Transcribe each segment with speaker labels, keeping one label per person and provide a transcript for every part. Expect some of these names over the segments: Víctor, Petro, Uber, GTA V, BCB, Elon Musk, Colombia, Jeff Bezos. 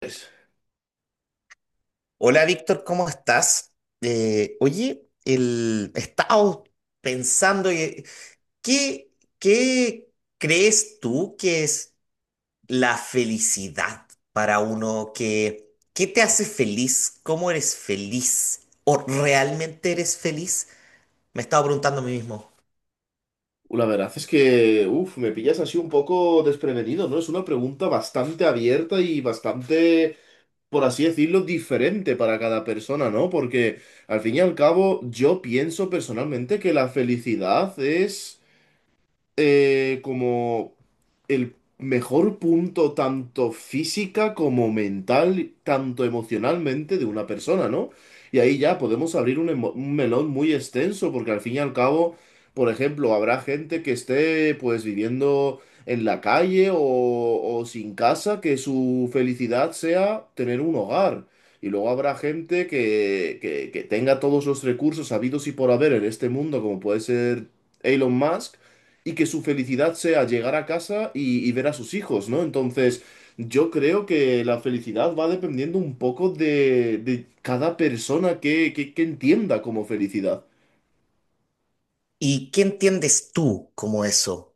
Speaker 1: Pues,
Speaker 2: Hola Víctor, ¿cómo estás? Oye, el, he estado pensando, ¿qué, qué crees tú que es la felicidad para uno? Qué te hace feliz? ¿Cómo eres feliz? ¿O realmente eres feliz? Me he estado preguntando a mí mismo.
Speaker 1: la verdad es que, uff, me pillas así un poco desprevenido, ¿no? Es una pregunta bastante abierta y bastante, por así decirlo, diferente para cada persona, ¿no? Porque al fin y al cabo, yo pienso personalmente que la felicidad es como el mejor punto tanto física como mental, tanto emocionalmente de una persona, ¿no? Y ahí ya podemos abrir un melón muy extenso, porque al fin y al cabo, por ejemplo, habrá gente que esté pues viviendo en la calle o sin casa, que su felicidad sea tener un hogar. Y luego habrá gente que tenga todos los recursos habidos y por haber en este mundo, como puede ser Elon Musk, y que su felicidad sea llegar a casa y ver a sus hijos, ¿no? Entonces, yo creo que la felicidad va dependiendo un poco de cada persona que entienda como felicidad.
Speaker 2: ¿Y qué entiendes tú como eso?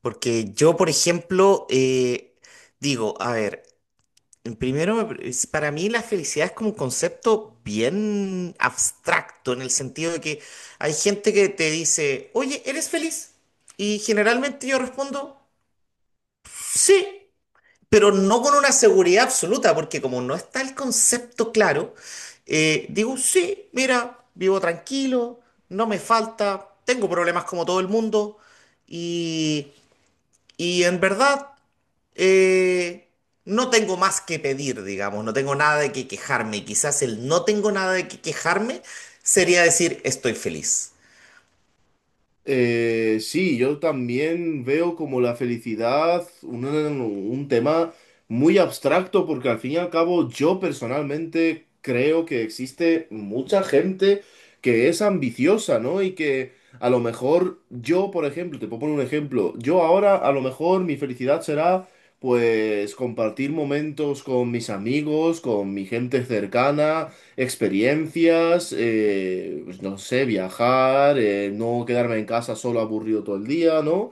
Speaker 2: Porque yo, por ejemplo, digo, a ver. Primero, para mí la felicidad es como un concepto bien abstracto en el sentido de que hay gente que te dice, oye, ¿eres feliz? Y generalmente yo respondo, sí, pero no con una seguridad absoluta, porque como no está el concepto claro, digo, sí, mira, vivo tranquilo, no me falta, tengo problemas como todo el mundo y, y en verdad... Eh, no tengo más que pedir, digamos, no tengo nada de que quejarme. Y quizás el no tengo nada de que quejarme sería decir estoy feliz.
Speaker 1: Sí, yo también veo como la felicidad un tema muy abstracto porque al fin y al cabo yo personalmente creo que existe mucha gente que es ambiciosa, ¿no? Y que a lo mejor yo, por ejemplo, te puedo poner un ejemplo, yo ahora a lo mejor mi felicidad será pues compartir momentos con mis amigos, con mi gente cercana, experiencias, pues no sé, viajar, no quedarme en casa solo aburrido todo el día, ¿no?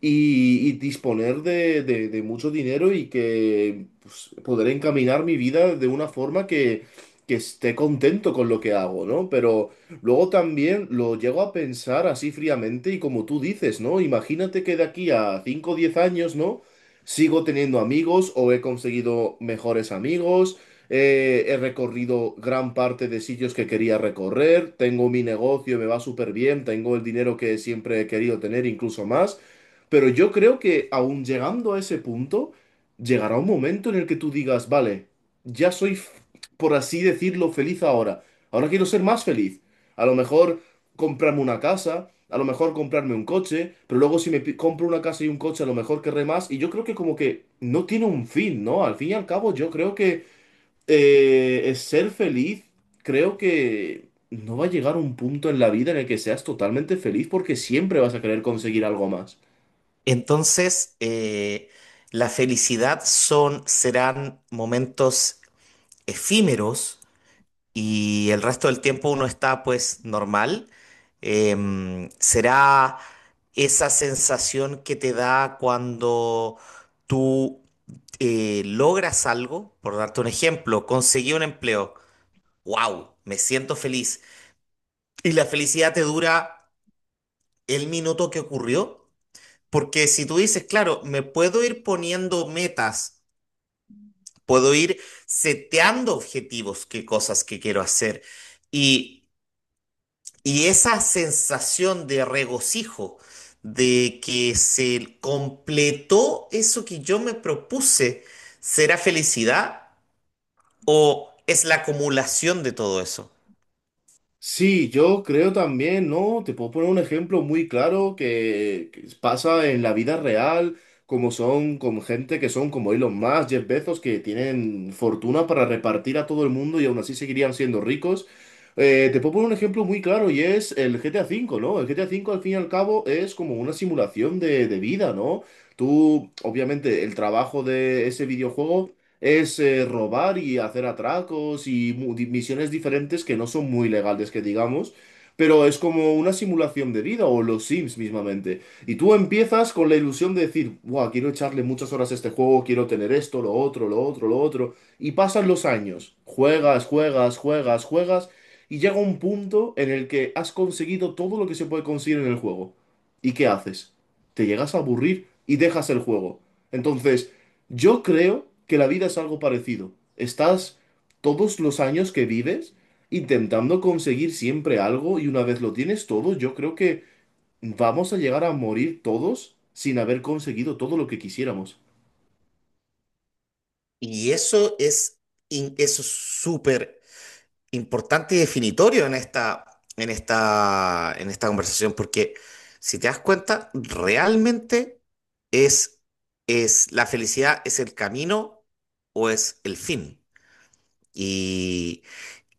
Speaker 1: Y disponer de mucho dinero y que pues, poder encaminar mi vida de una forma que esté contento con lo que hago, ¿no? Pero luego también lo llego a pensar así fríamente y como tú dices, ¿no? Imagínate que de aquí a 5 o 10 años, ¿no? Sigo teniendo amigos o he conseguido mejores amigos, he recorrido gran parte de sitios que quería recorrer, tengo mi negocio, me va súper bien, tengo el dinero que siempre he querido tener, incluso más, pero yo creo que aún llegando a ese punto, llegará un momento en el que tú digas, vale, ya soy, por así decirlo, feliz ahora, ahora quiero ser más feliz, a lo mejor comprarme una casa. A lo mejor comprarme un coche, pero luego si me compro una casa y un coche, a lo mejor querré más. Y yo creo que como que no tiene un fin, ¿no? Al fin y al cabo, yo creo que es ser feliz, creo que no va a llegar un punto en la vida en el que seas totalmente feliz porque siempre vas a querer conseguir algo más.
Speaker 2: Entonces, la felicidad son, serán momentos efímeros, y el resto del tiempo uno está pues normal, será esa sensación que te da cuando tú logras algo, por darte un ejemplo, conseguí un empleo, wow, me siento feliz. Y la felicidad te dura el minuto que ocurrió, porque si tú dices, claro, me puedo ir poniendo metas, puedo ir seteando objetivos, qué cosas que quiero hacer. Y Y esa sensación de regocijo, de que se completó eso que yo me propuse, ¿será felicidad o es la acumulación de todo eso?
Speaker 1: Sí, yo creo también, ¿no? Te puedo poner un ejemplo muy claro que pasa en la vida real, como son con gente que son como Elon Musk, Jeff Bezos, que tienen fortuna para repartir a todo el mundo y aún así seguirían siendo ricos. Te puedo poner un ejemplo muy claro y es el GTA V, ¿no? El GTA V al fin y al cabo es como una simulación de vida, ¿no? Tú, obviamente, el trabajo de ese videojuego es robar y hacer atracos y misiones diferentes que no son muy legales, que digamos, pero es como una simulación de vida o los Sims mismamente. Y tú empiezas con la ilusión de decir, wow, quiero echarle muchas horas a este juego, quiero tener esto, lo otro, lo otro, lo otro. Y pasan los años, juegas, juegas, juegas, juegas, y llega un punto en el que has conseguido todo lo que se puede conseguir en el juego. ¿Y qué haces? Te llegas a aburrir y dejas el juego. Entonces, yo creo que la vida es algo parecido. Estás todos los años que vives intentando conseguir siempre algo y una vez lo tienes todo, yo creo que vamos a llegar a morir todos sin haber conseguido todo lo que quisiéramos.
Speaker 2: Y eso es eso es súper importante y definitorio en esta, en esta, en esta conversación, porque si te das cuenta, realmente es, es la felicidad, es el camino o es el fin. Y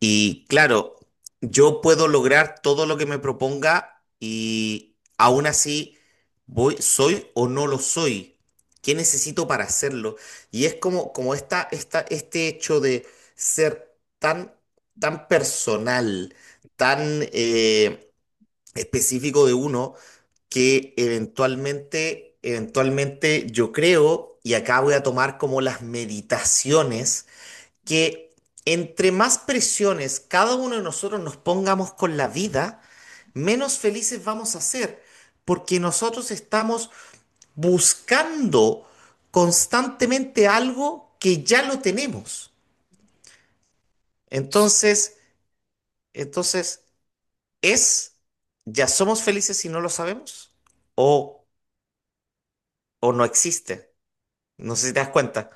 Speaker 2: Y claro, yo puedo lograr todo lo que me proponga y aún así voy, soy o no lo soy. ¿Qué necesito para hacerlo? Y es como, como esta, este hecho de ser tan, tan personal, tan específico de uno, que eventualmente, eventualmente yo creo, y acá voy a tomar como las meditaciones que entre más presiones cada uno de nosotros nos pongamos con la vida, menos felices vamos a ser, porque nosotros estamos buscando constantemente algo que ya lo tenemos. Entonces, entonces, es, ¿ya somos felices si no lo sabemos? ¿O, o no existe? No sé si te das cuenta.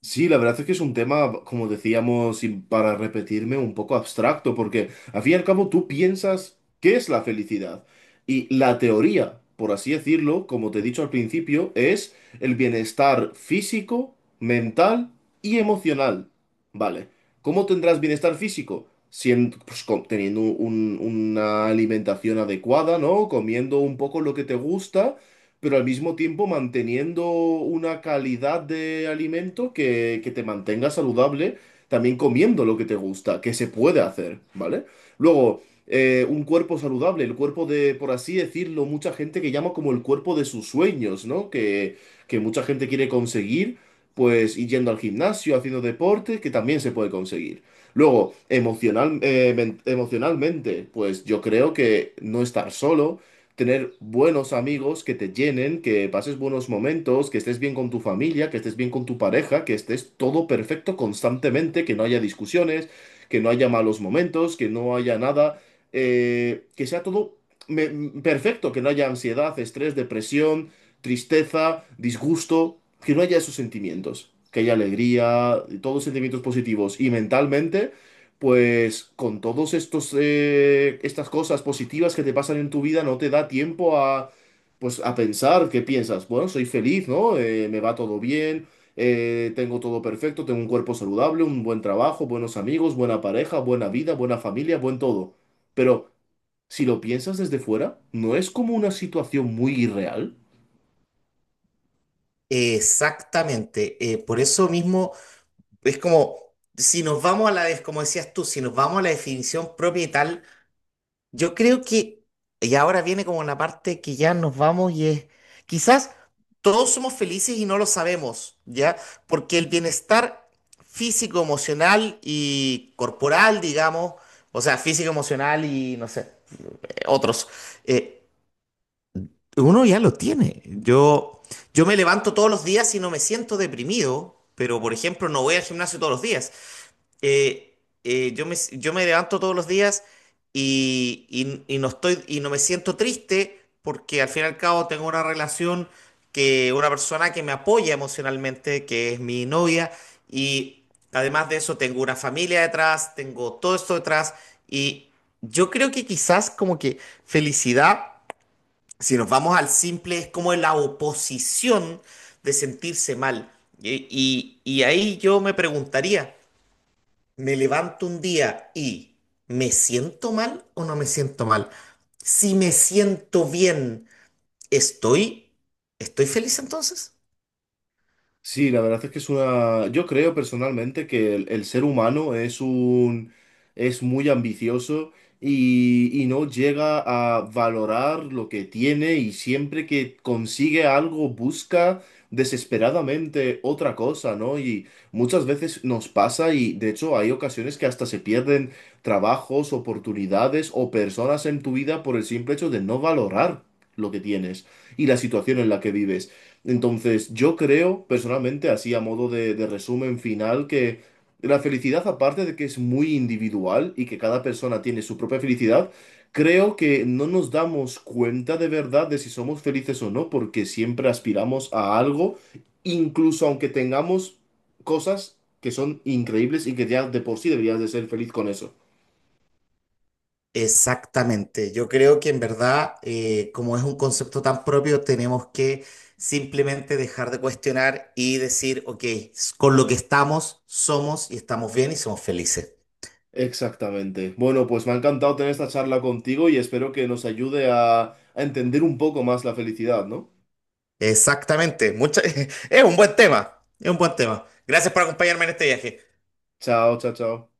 Speaker 1: Sí, la verdad es que es un tema, como decíamos, y para repetirme, un poco abstracto, porque al fin y al cabo tú piensas qué es la felicidad. Y la teoría, por así decirlo, como te he dicho al principio, es el bienestar físico, mental y emocional. Vale. ¿Cómo tendrás bienestar físico? Siendo, pues, teniendo una alimentación adecuada, ¿no? Comiendo un poco lo que te gusta pero al mismo tiempo manteniendo una calidad de alimento que te mantenga saludable, también comiendo lo que te gusta, que se puede hacer, ¿vale? Luego, un cuerpo saludable, el cuerpo de, por así decirlo, mucha gente que llama como el cuerpo de sus sueños, ¿no? Que mucha gente quiere conseguir, pues y yendo al gimnasio, haciendo deporte, que también se puede conseguir. Luego, emocional, emocionalmente, pues yo creo que no estar solo, tener buenos amigos que te llenen, que pases buenos momentos, que estés bien con tu familia, que estés bien con tu pareja, que estés todo perfecto constantemente, que no haya discusiones, que no haya malos momentos, que no haya nada, que sea todo me- perfecto, que no haya ansiedad, estrés, depresión, tristeza, disgusto, que no haya esos sentimientos, que haya alegría, todos sentimientos positivos y mentalmente pues con todos estos estas cosas positivas que te pasan en tu vida no te da tiempo a pues a pensar qué piensas. Bueno, soy feliz, ¿no? Me va todo bien, tengo todo perfecto, tengo un cuerpo saludable, un buen trabajo, buenos amigos, buena pareja, buena vida, buena familia, buen todo. Pero si lo piensas desde fuera, ¿no es como una situación muy irreal?
Speaker 2: Exactamente. Por eso mismo... Es como, si nos vamos a la, como decías tú, si nos vamos a la definición propia y tal, yo creo que, y ahora viene como la parte que ya nos vamos y es, quizás todos somos felices y no lo sabemos, ¿ya? Porque el bienestar físico, emocional y corporal, digamos, o sea, físico, emocional y, no sé, otros, eh, uno ya lo tiene. Yo me levanto todos los días y no me siento deprimido, pero, por ejemplo, no voy al gimnasio todos los días eh, yo me levanto todos los días y, y no estoy, y no me siento triste porque al fin y al cabo tengo una relación que una persona que me apoya emocionalmente, que es mi novia, y además de eso tengo una familia detrás, tengo todo esto detrás, y yo creo que quizás como que felicidad, si nos vamos al simple, es como la oposición de sentirse mal. Y y ahí yo me preguntaría me levanto un día y ¿me siento mal o no me siento mal? Si me siento bien, ¿estoy, estoy feliz entonces?
Speaker 1: Sí, la verdad es que es una. Yo creo personalmente que el ser humano es un. Es muy ambicioso y no llega a valorar lo que tiene y siempre que consigue algo busca desesperadamente otra cosa, ¿no? Y muchas veces nos pasa y de hecho hay ocasiones que hasta se pierden trabajos, oportunidades o personas en tu vida por el simple hecho de no valorar lo que tienes y la situación en la que vives. Entonces, yo creo, personalmente, así a modo de resumen final, que la felicidad, aparte de que es muy individual y que cada persona tiene su propia felicidad, creo que no nos damos cuenta de verdad de si somos felices o no, porque siempre aspiramos a algo, incluso aunque tengamos cosas que son increíbles y que ya de por sí deberías de ser feliz con eso.
Speaker 2: Exactamente. Yo creo que en verdad, como es un concepto tan propio, tenemos que simplemente dejar de cuestionar y decir, ok, con lo que estamos, somos y estamos bien y somos felices.
Speaker 1: Exactamente. Bueno, pues me ha encantado tener esta charla contigo y espero que nos ayude a entender un poco más la felicidad, ¿no?
Speaker 2: Exactamente. Mucha- es un buen tema. Es un buen tema. Gracias por acompañarme en este viaje.
Speaker 1: Chao, chao, chao.